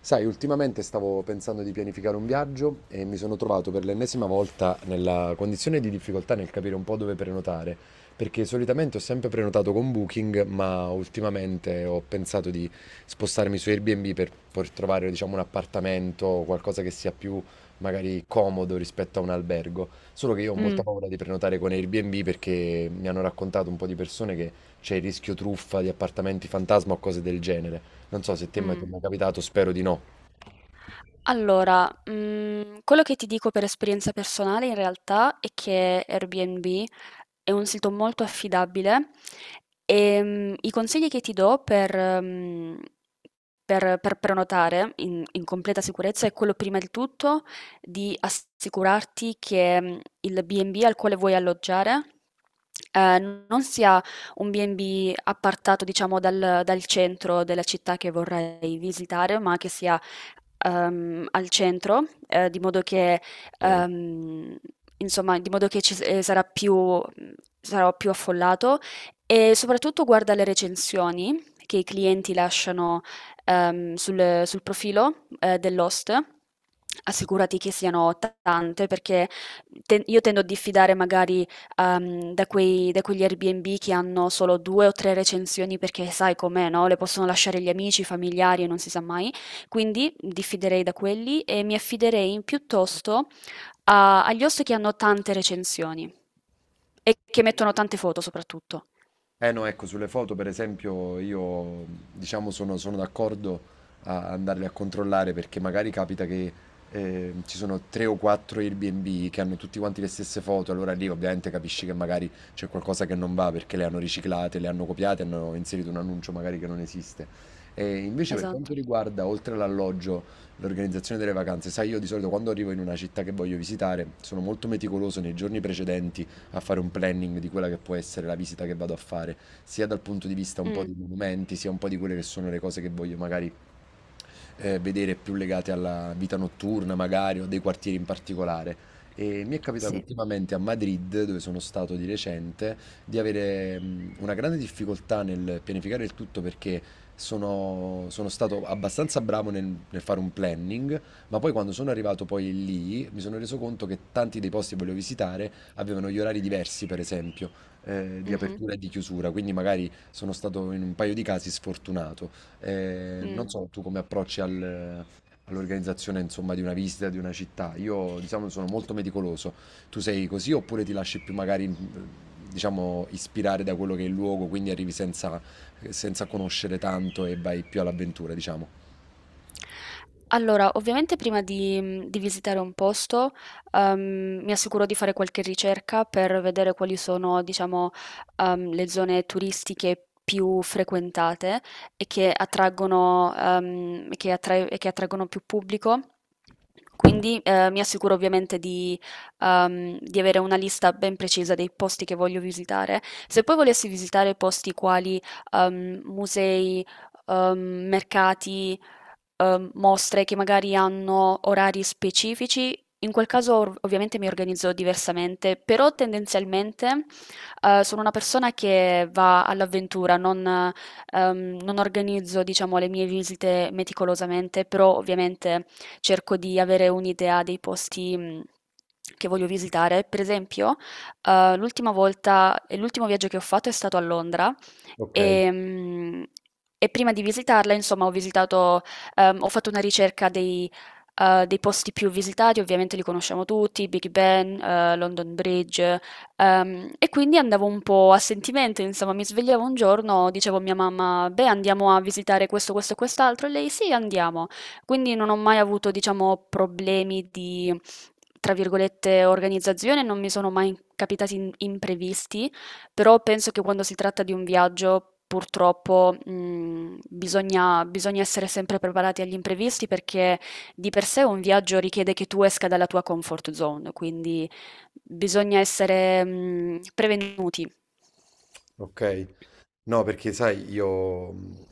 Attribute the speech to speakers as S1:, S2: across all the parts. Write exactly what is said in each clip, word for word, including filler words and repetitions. S1: Sai, ultimamente stavo pensando di pianificare un viaggio e mi sono trovato per l'ennesima volta nella condizione di difficoltà nel capire un po' dove prenotare, perché solitamente ho sempre prenotato con Booking, ma ultimamente ho pensato di spostarmi su Airbnb per, per trovare, diciamo, un appartamento o qualcosa che sia più magari comodo rispetto a un albergo. Solo che io ho molta
S2: Mh,
S1: paura di prenotare con Airbnb perché mi hanno raccontato un po' di persone che c'è il rischio truffa di appartamenti fantasma o cose del genere. Non so se te mai- ti è
S2: mh.
S1: mai capitato, spero di no.
S2: Allora, mhmm, quello che ti dico per esperienza personale in realtà è che Airbnb è un sito molto affidabile. Ehm, i consigli che ti do per mhmm, per per prenotare in in completa sicurezza è quello, prima di tutto, di assicurarti che, mhmm, il B e B al quale vuoi alloggiare, ehm, non sia un B e B appartato, diciamo, dal dal centro della città che vorrai visitare, ma che sia, ehm, al centro, eh, di modo che,
S1: Ok.
S2: ehm, insomma, di modo che ci s- eh, sarà più, sarò più affollato. E soprattutto guarda le recensioni che i clienti lasciano ehm, sul, sul profilo eh, dell'host. Assicurati che siano t- tante, perché te- io tendo a diffidare magari, ehm, da quei- da quegli Airbnb che hanno solo due o tre recensioni, perché sai com'è, no? Le possono lasciare gli amici, i familiari, e non si sa mai. Quindi diffiderei da quelli, e mi affiderei piuttosto a- agli host che hanno tante recensioni e che mettono tante foto soprattutto.
S1: Eh no, ecco, sulle foto per esempio io diciamo sono, sono d'accordo a andarle a controllare perché magari capita che eh, ci sono tre o quattro Airbnb che hanno tutti quanti le stesse foto, allora lì ovviamente capisci che magari c'è qualcosa che non va perché le hanno riciclate, le hanno copiate, hanno inserito un annuncio magari che non esiste. E invece per quanto
S2: Esatto.
S1: riguarda, oltre all'alloggio, l'organizzazione delle vacanze, sai, io di solito quando arrivo in una città che voglio visitare sono molto meticoloso nei giorni precedenti a fare un planning di quella che può essere la visita che vado a fare, sia dal punto di vista un po'
S2: Mm,
S1: dei monumenti, sia un po' di quelle che sono le cose che voglio magari eh, vedere più legate alla vita notturna, magari, o dei quartieri in particolare. E mi è capitato
S2: sì.
S1: ultimamente a Madrid, dove sono stato di recente, di avere mh, una grande difficoltà nel pianificare il tutto perché sono, sono stato abbastanza bravo nel, nel fare un planning, ma poi quando sono arrivato poi lì mi sono reso conto che tanti dei posti che volevo visitare avevano gli orari diversi, per esempio, eh, di
S2: Mhm,
S1: apertura e di chiusura, quindi magari sono stato in un paio di casi sfortunato. Eh, non
S2: mm.
S1: so tu come approcci al- all'organizzazione, insomma, di una visita, di una città. Io, diciamo, sono molto meticoloso. Tu sei così oppure ti lasci più magari, mh, diciamo, ispirare da quello che è il luogo, quindi arrivi senza, senza conoscere tanto e vai più all'avventura, diciamo?
S2: Allora, ovviamente prima di, mhmm, di visitare un posto, ehm, mi assicuro di fare qualche ricerca per vedere quali sono, diciamo, ehm, le zone turistiche più frequentate e che attraggono, ehm, che attrae e che attraggono più pubblico. Quindi, ehm, mi assicuro ovviamente di, ehm, di avere una lista ben precisa dei posti che voglio visitare. Se poi volessi visitare posti quali ehm, musei, ehm, mercati, ehm, mostre che magari hanno orari specifici, in quel caso ov- ovviamente mi organizzo diversamente. Però tendenzialmente, eh, sono una persona che va all'avventura, non, eh, ehm, non organizzo, diciamo, le mie visite meticolosamente, però ovviamente cerco di avere un'idea dei posti mh, che voglio visitare. Per esempio, eh, l'ultima volta, l'ultimo viaggio che ho fatto è stato a Londra, e, mh, e prima di visitarla, insomma, ho visitato. Ehm, ho fatto una ricerca dei, eh, dei posti più visitati, ovviamente li conosciamo tutti: Big Ben, eh, London Bridge. Ehm, e quindi andavo un po' a sentimento, insomma, mi svegliavo un giorno, dicevo a mia mamma: beh, andiamo a visitare questo, questo e quest'altro; e lei: sì, andiamo. Quindi non ho mai avuto, diciamo, problemi di, tra virgolette, organizzazione, non mi sono mai capitati in- imprevisti. Però penso che, quando si tratta di un viaggio, purtroppo, mh, bisogna, bisogna essere sempre preparati agli imprevisti, perché di per sé un viaggio richiede che tu esca dalla tua comfort zone, quindi bisogna essere, mh, prevenuti.
S1: Ok. No, perché sai, io mh,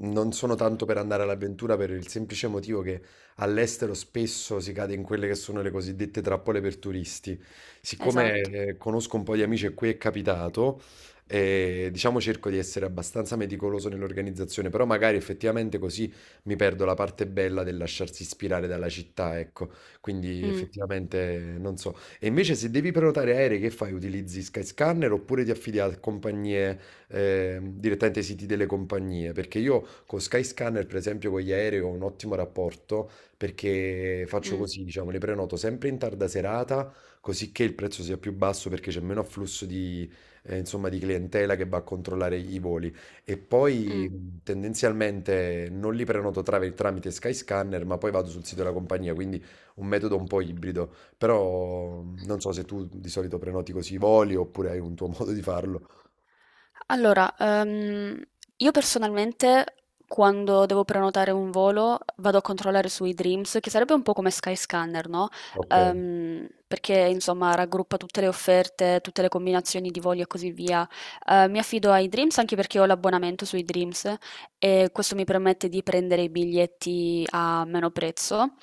S1: non sono tanto per andare all'avventura per il semplice motivo che all'estero spesso si cade in quelle che sono le cosiddette trappole per turisti. Siccome
S2: Esatto.
S1: eh, conosco un po' di amici e qui è capitato, eh, diciamo cerco di essere abbastanza meticoloso nell'organizzazione, però magari effettivamente così mi perdo la parte bella del lasciarsi ispirare dalla città, ecco. Quindi
S2: Mm,
S1: effettivamente non so. E invece se devi prenotare aerei, che fai? Utilizzi Skyscanner oppure ti affidi a compagnie? Ehm, direttamente ai siti delle compagnie, perché io con Skyscanner, per esempio, con gli aerei ho un ottimo rapporto perché faccio
S2: mm,
S1: così, diciamo, le prenoto sempre in tarda serata, così che il prezzo sia più basso perché c'è meno afflusso di, eh, insomma, di clientela che va a controllare i voli. E poi
S2: mm.
S1: mh, tendenzialmente non li prenoto tra- tramite Skyscanner, ma poi vado sul sito della compagnia, quindi un metodo un po' ibrido. Però mh, non so se tu di solito prenoti così i voli oppure hai un tuo modo di farlo.
S2: Allora, ehm, io personalmente, quando devo prenotare un volo, vado a controllare su eDreams, che sarebbe un po' come Skyscanner, no?
S1: Ok.
S2: Ehm, perché insomma raggruppa tutte le offerte, tutte le combinazioni di voli e così via. Eh, mi affido a eDreams anche perché ho l'abbonamento su eDreams, e questo mi permette di prendere i biglietti a meno prezzo.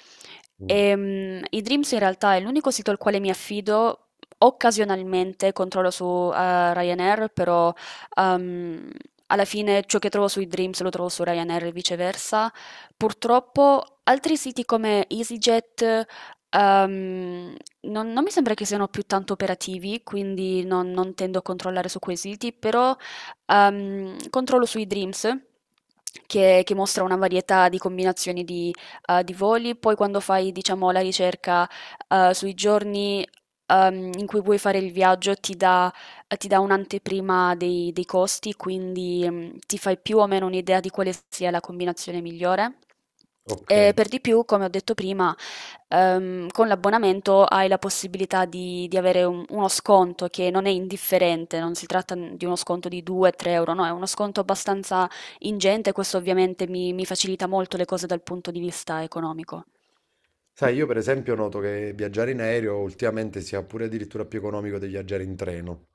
S1: Mh,
S2: Ehm, eDreams in realtà è l'unico sito al quale mi affido. Occasionalmente controllo su eh, Ryanair, però, Ehm, alla fine ciò che trovo sui Dreams lo trovo su Ryanair e viceversa. Purtroppo altri siti come EasyJet, ehm, non, non mi sembra che siano più tanto operativi, quindi non, non tendo a controllare su quei siti, però ehm, controllo sui Dreams. Che, che mostra una varietà di combinazioni di, eh, di voli. Poi quando fai, diciamo, la ricerca eh, sui giorni ehm, in cui vuoi fare il viaggio, ti dà eh, ti dà un'anteprima dei, dei costi, quindi mm, ti fai più o meno un'idea di quale sia la combinazione migliore. E
S1: okay.
S2: per di più, come ho detto prima, ehm, con l'abbonamento hai la possibilità di, di avere un- uno sconto che non è indifferente, non si tratta di uno sconto di due-tre euro, no, è uno sconto abbastanza ingente, questo ovviamente mi, mi facilita molto le cose dal punto di vista economico.
S1: Sai, io per esempio noto che viaggiare in aereo ultimamente sia pure addirittura più economico di viaggiare in treno,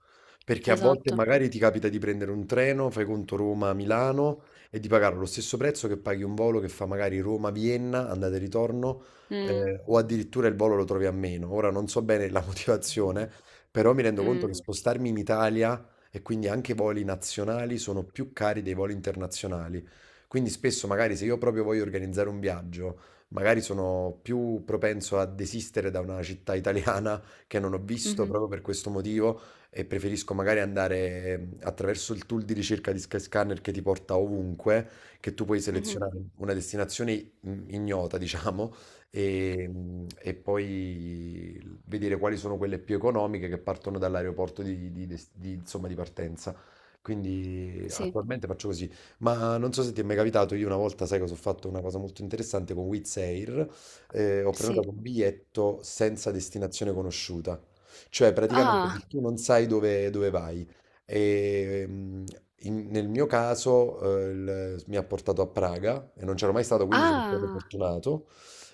S1: perché a volte
S2: Esatto.
S1: magari ti capita di prendere un treno, fai conto Roma-Milano e di pagare lo stesso prezzo che paghi un volo che fa magari Roma-Vienna, andata e ritorno,
S2: Mm,
S1: ehm, o addirittura il volo lo trovi a meno. Ora non so bene la motivazione, però mi rendo conto
S2: mm,
S1: che spostarmi in Italia e quindi anche i voli nazionali sono più cari dei voli internazionali. Quindi spesso magari se io proprio voglio organizzare un viaggio magari sono più propenso a desistere da una città italiana che non ho visto
S2: mhm,
S1: proprio per questo motivo e preferisco magari andare ehm, attraverso il tool di ricerca di Skyscanner che ti porta ovunque, che tu puoi
S2: mhm.
S1: selezionare una destinazione mm, ignota, diciamo, e mm, e poi vedere quali sono quelle più economiche che partono dall'aeroporto di, di des- di, insomma, di partenza. Quindi
S2: Sì,
S1: attualmente faccio così. Ma non so se ti è mai capitato, io una volta, sai cosa ho fatto? Una cosa molto interessante con Wizz Air. Eh, ho
S2: sì.
S1: prenotato un biglietto senza destinazione conosciuta, cioè praticamente
S2: Ah.
S1: tu non sai dove, dove vai. E mm, in- nel mio caso, eh, il- mi ha portato a Praga e non c'ero mai stato, quindi sono stato
S2: Ah,
S1: fortunato.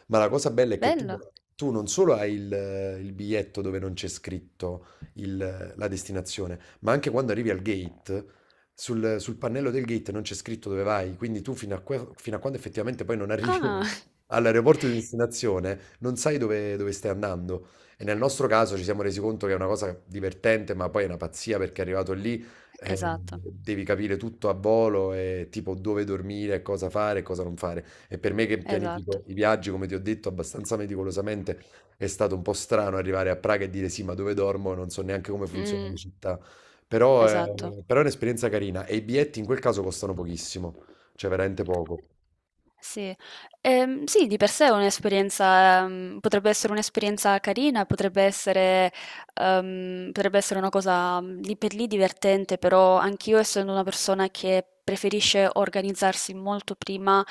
S1: Ma la cosa bella è che tu
S2: bello.
S1: tu non solo hai il, il biglietto dove non c'è scritto il- la destinazione, ma anche quando arrivi al gate sul, sul pannello del gate non c'è scritto dove vai, quindi tu fino a, que- fino a quando effettivamente poi non arrivi
S2: Ah.
S1: all'aeroporto di destinazione non sai dove, dove stai andando. E nel nostro caso ci siamo resi conto che è una cosa divertente, ma poi è una pazzia perché arrivato lì eh,
S2: Esatto,
S1: devi capire tutto a volo e tipo dove dormire, cosa fare e cosa non fare. E per me che
S2: esatto.
S1: pianifico i viaggi, come ti ho detto, abbastanza meticolosamente, è stato un po' strano arrivare a Praga e dire sì, ma dove dormo? Non so neanche come funziona la
S2: Mh,
S1: città. Però è,
S2: esatto.
S1: però è un'esperienza carina e i biglietti in quel caso costano pochissimo, cioè veramente poco.
S2: Sì. Ehm, sì, di per sé è un'esperienza, mhmm, potrebbe essere un'esperienza carina, potrebbe essere, uhm, potrebbe essere una cosa, mhmm, lì per lì divertente. Però anch'io, essendo una persona che preferisce organizzarsi molto prima,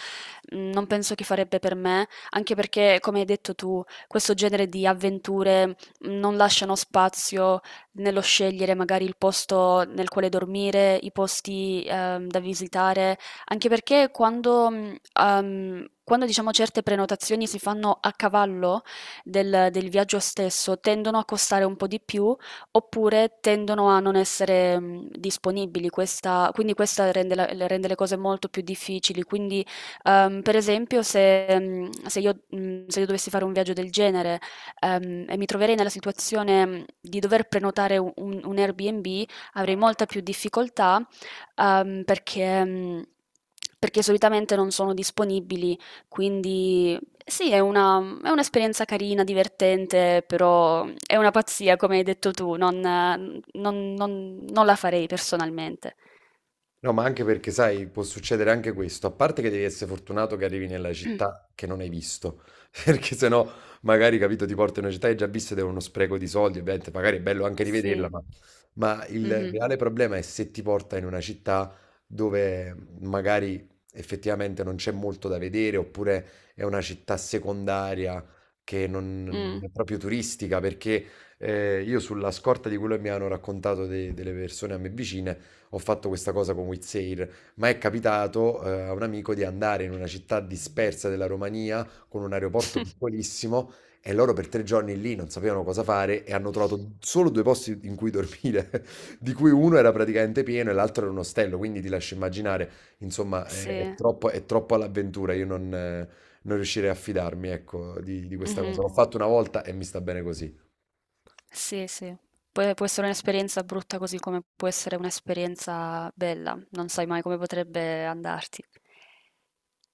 S2: mhmm, non penso che farebbe per me, anche perché, come hai detto tu, questo genere di avventure mm, non lasciano spazio nello scegliere magari il posto nel quale dormire, i posti, ehm, da visitare. Anche perché, quando, mhmm, uhm, quando diciamo, certe prenotazioni si fanno a cavallo del del viaggio stesso, tendono a costare un po' di più, oppure tendono a non essere, mhmm, disponibili. Questa quindi questa rende la le rende le cose molto più difficili. Quindi, uhm, per esempio, se mhmm, se io mhmm, se io dovessi fare un viaggio del genere, ehm, e mi troverei nella situazione, mhmm, di dover prenotare u un un Airbnb, avrei molta più difficoltà, ehm, perché, mh, perché solitamente non sono disponibili, quindi sì, è una- è un'esperienza carina, divertente, però è una pazzia, come hai detto tu. Non, non- non- non la farei personalmente.
S1: No, ma anche perché, sai, può succedere anche questo. A parte che devi essere fortunato che arrivi nella città che non hai visto, perché sennò magari, capito, ti porti in una città che hai già visto ed è uno spreco di soldi, ovviamente, magari è bello anche rivederla,
S2: Sì.
S1: ma, ma il
S2: Mhm,
S1: reale problema è se ti porta in una città dove magari effettivamente non c'è molto da vedere, oppure è una città secondaria che non
S2: mm.
S1: è proprio turistica, perché eh, io sulla scorta di quello che mi hanno raccontato de- delle persone a me vicine, ho fatto questa cosa con Wizzair, ma è capitato eh, a un amico di andare in una città dispersa della Romania con un aeroporto piccolissimo e loro per tre giorni lì non sapevano cosa fare e hanno trovato solo due posti in cui dormire, di cui uno era praticamente pieno e l'altro era un ostello, quindi ti lascio immaginare, insomma, è è
S2: Sì,
S1: troppo, è troppo all'avventura, io non, eh, non riuscirei a fidarmi, ecco, di, di questa
S2: mhm.
S1: cosa. L'ho fatto una volta e mi sta bene così.
S2: Sì, sì. Può, può essere un'esperienza brutta così come può essere un'esperienza bella, non sai mai come potrebbe andarti.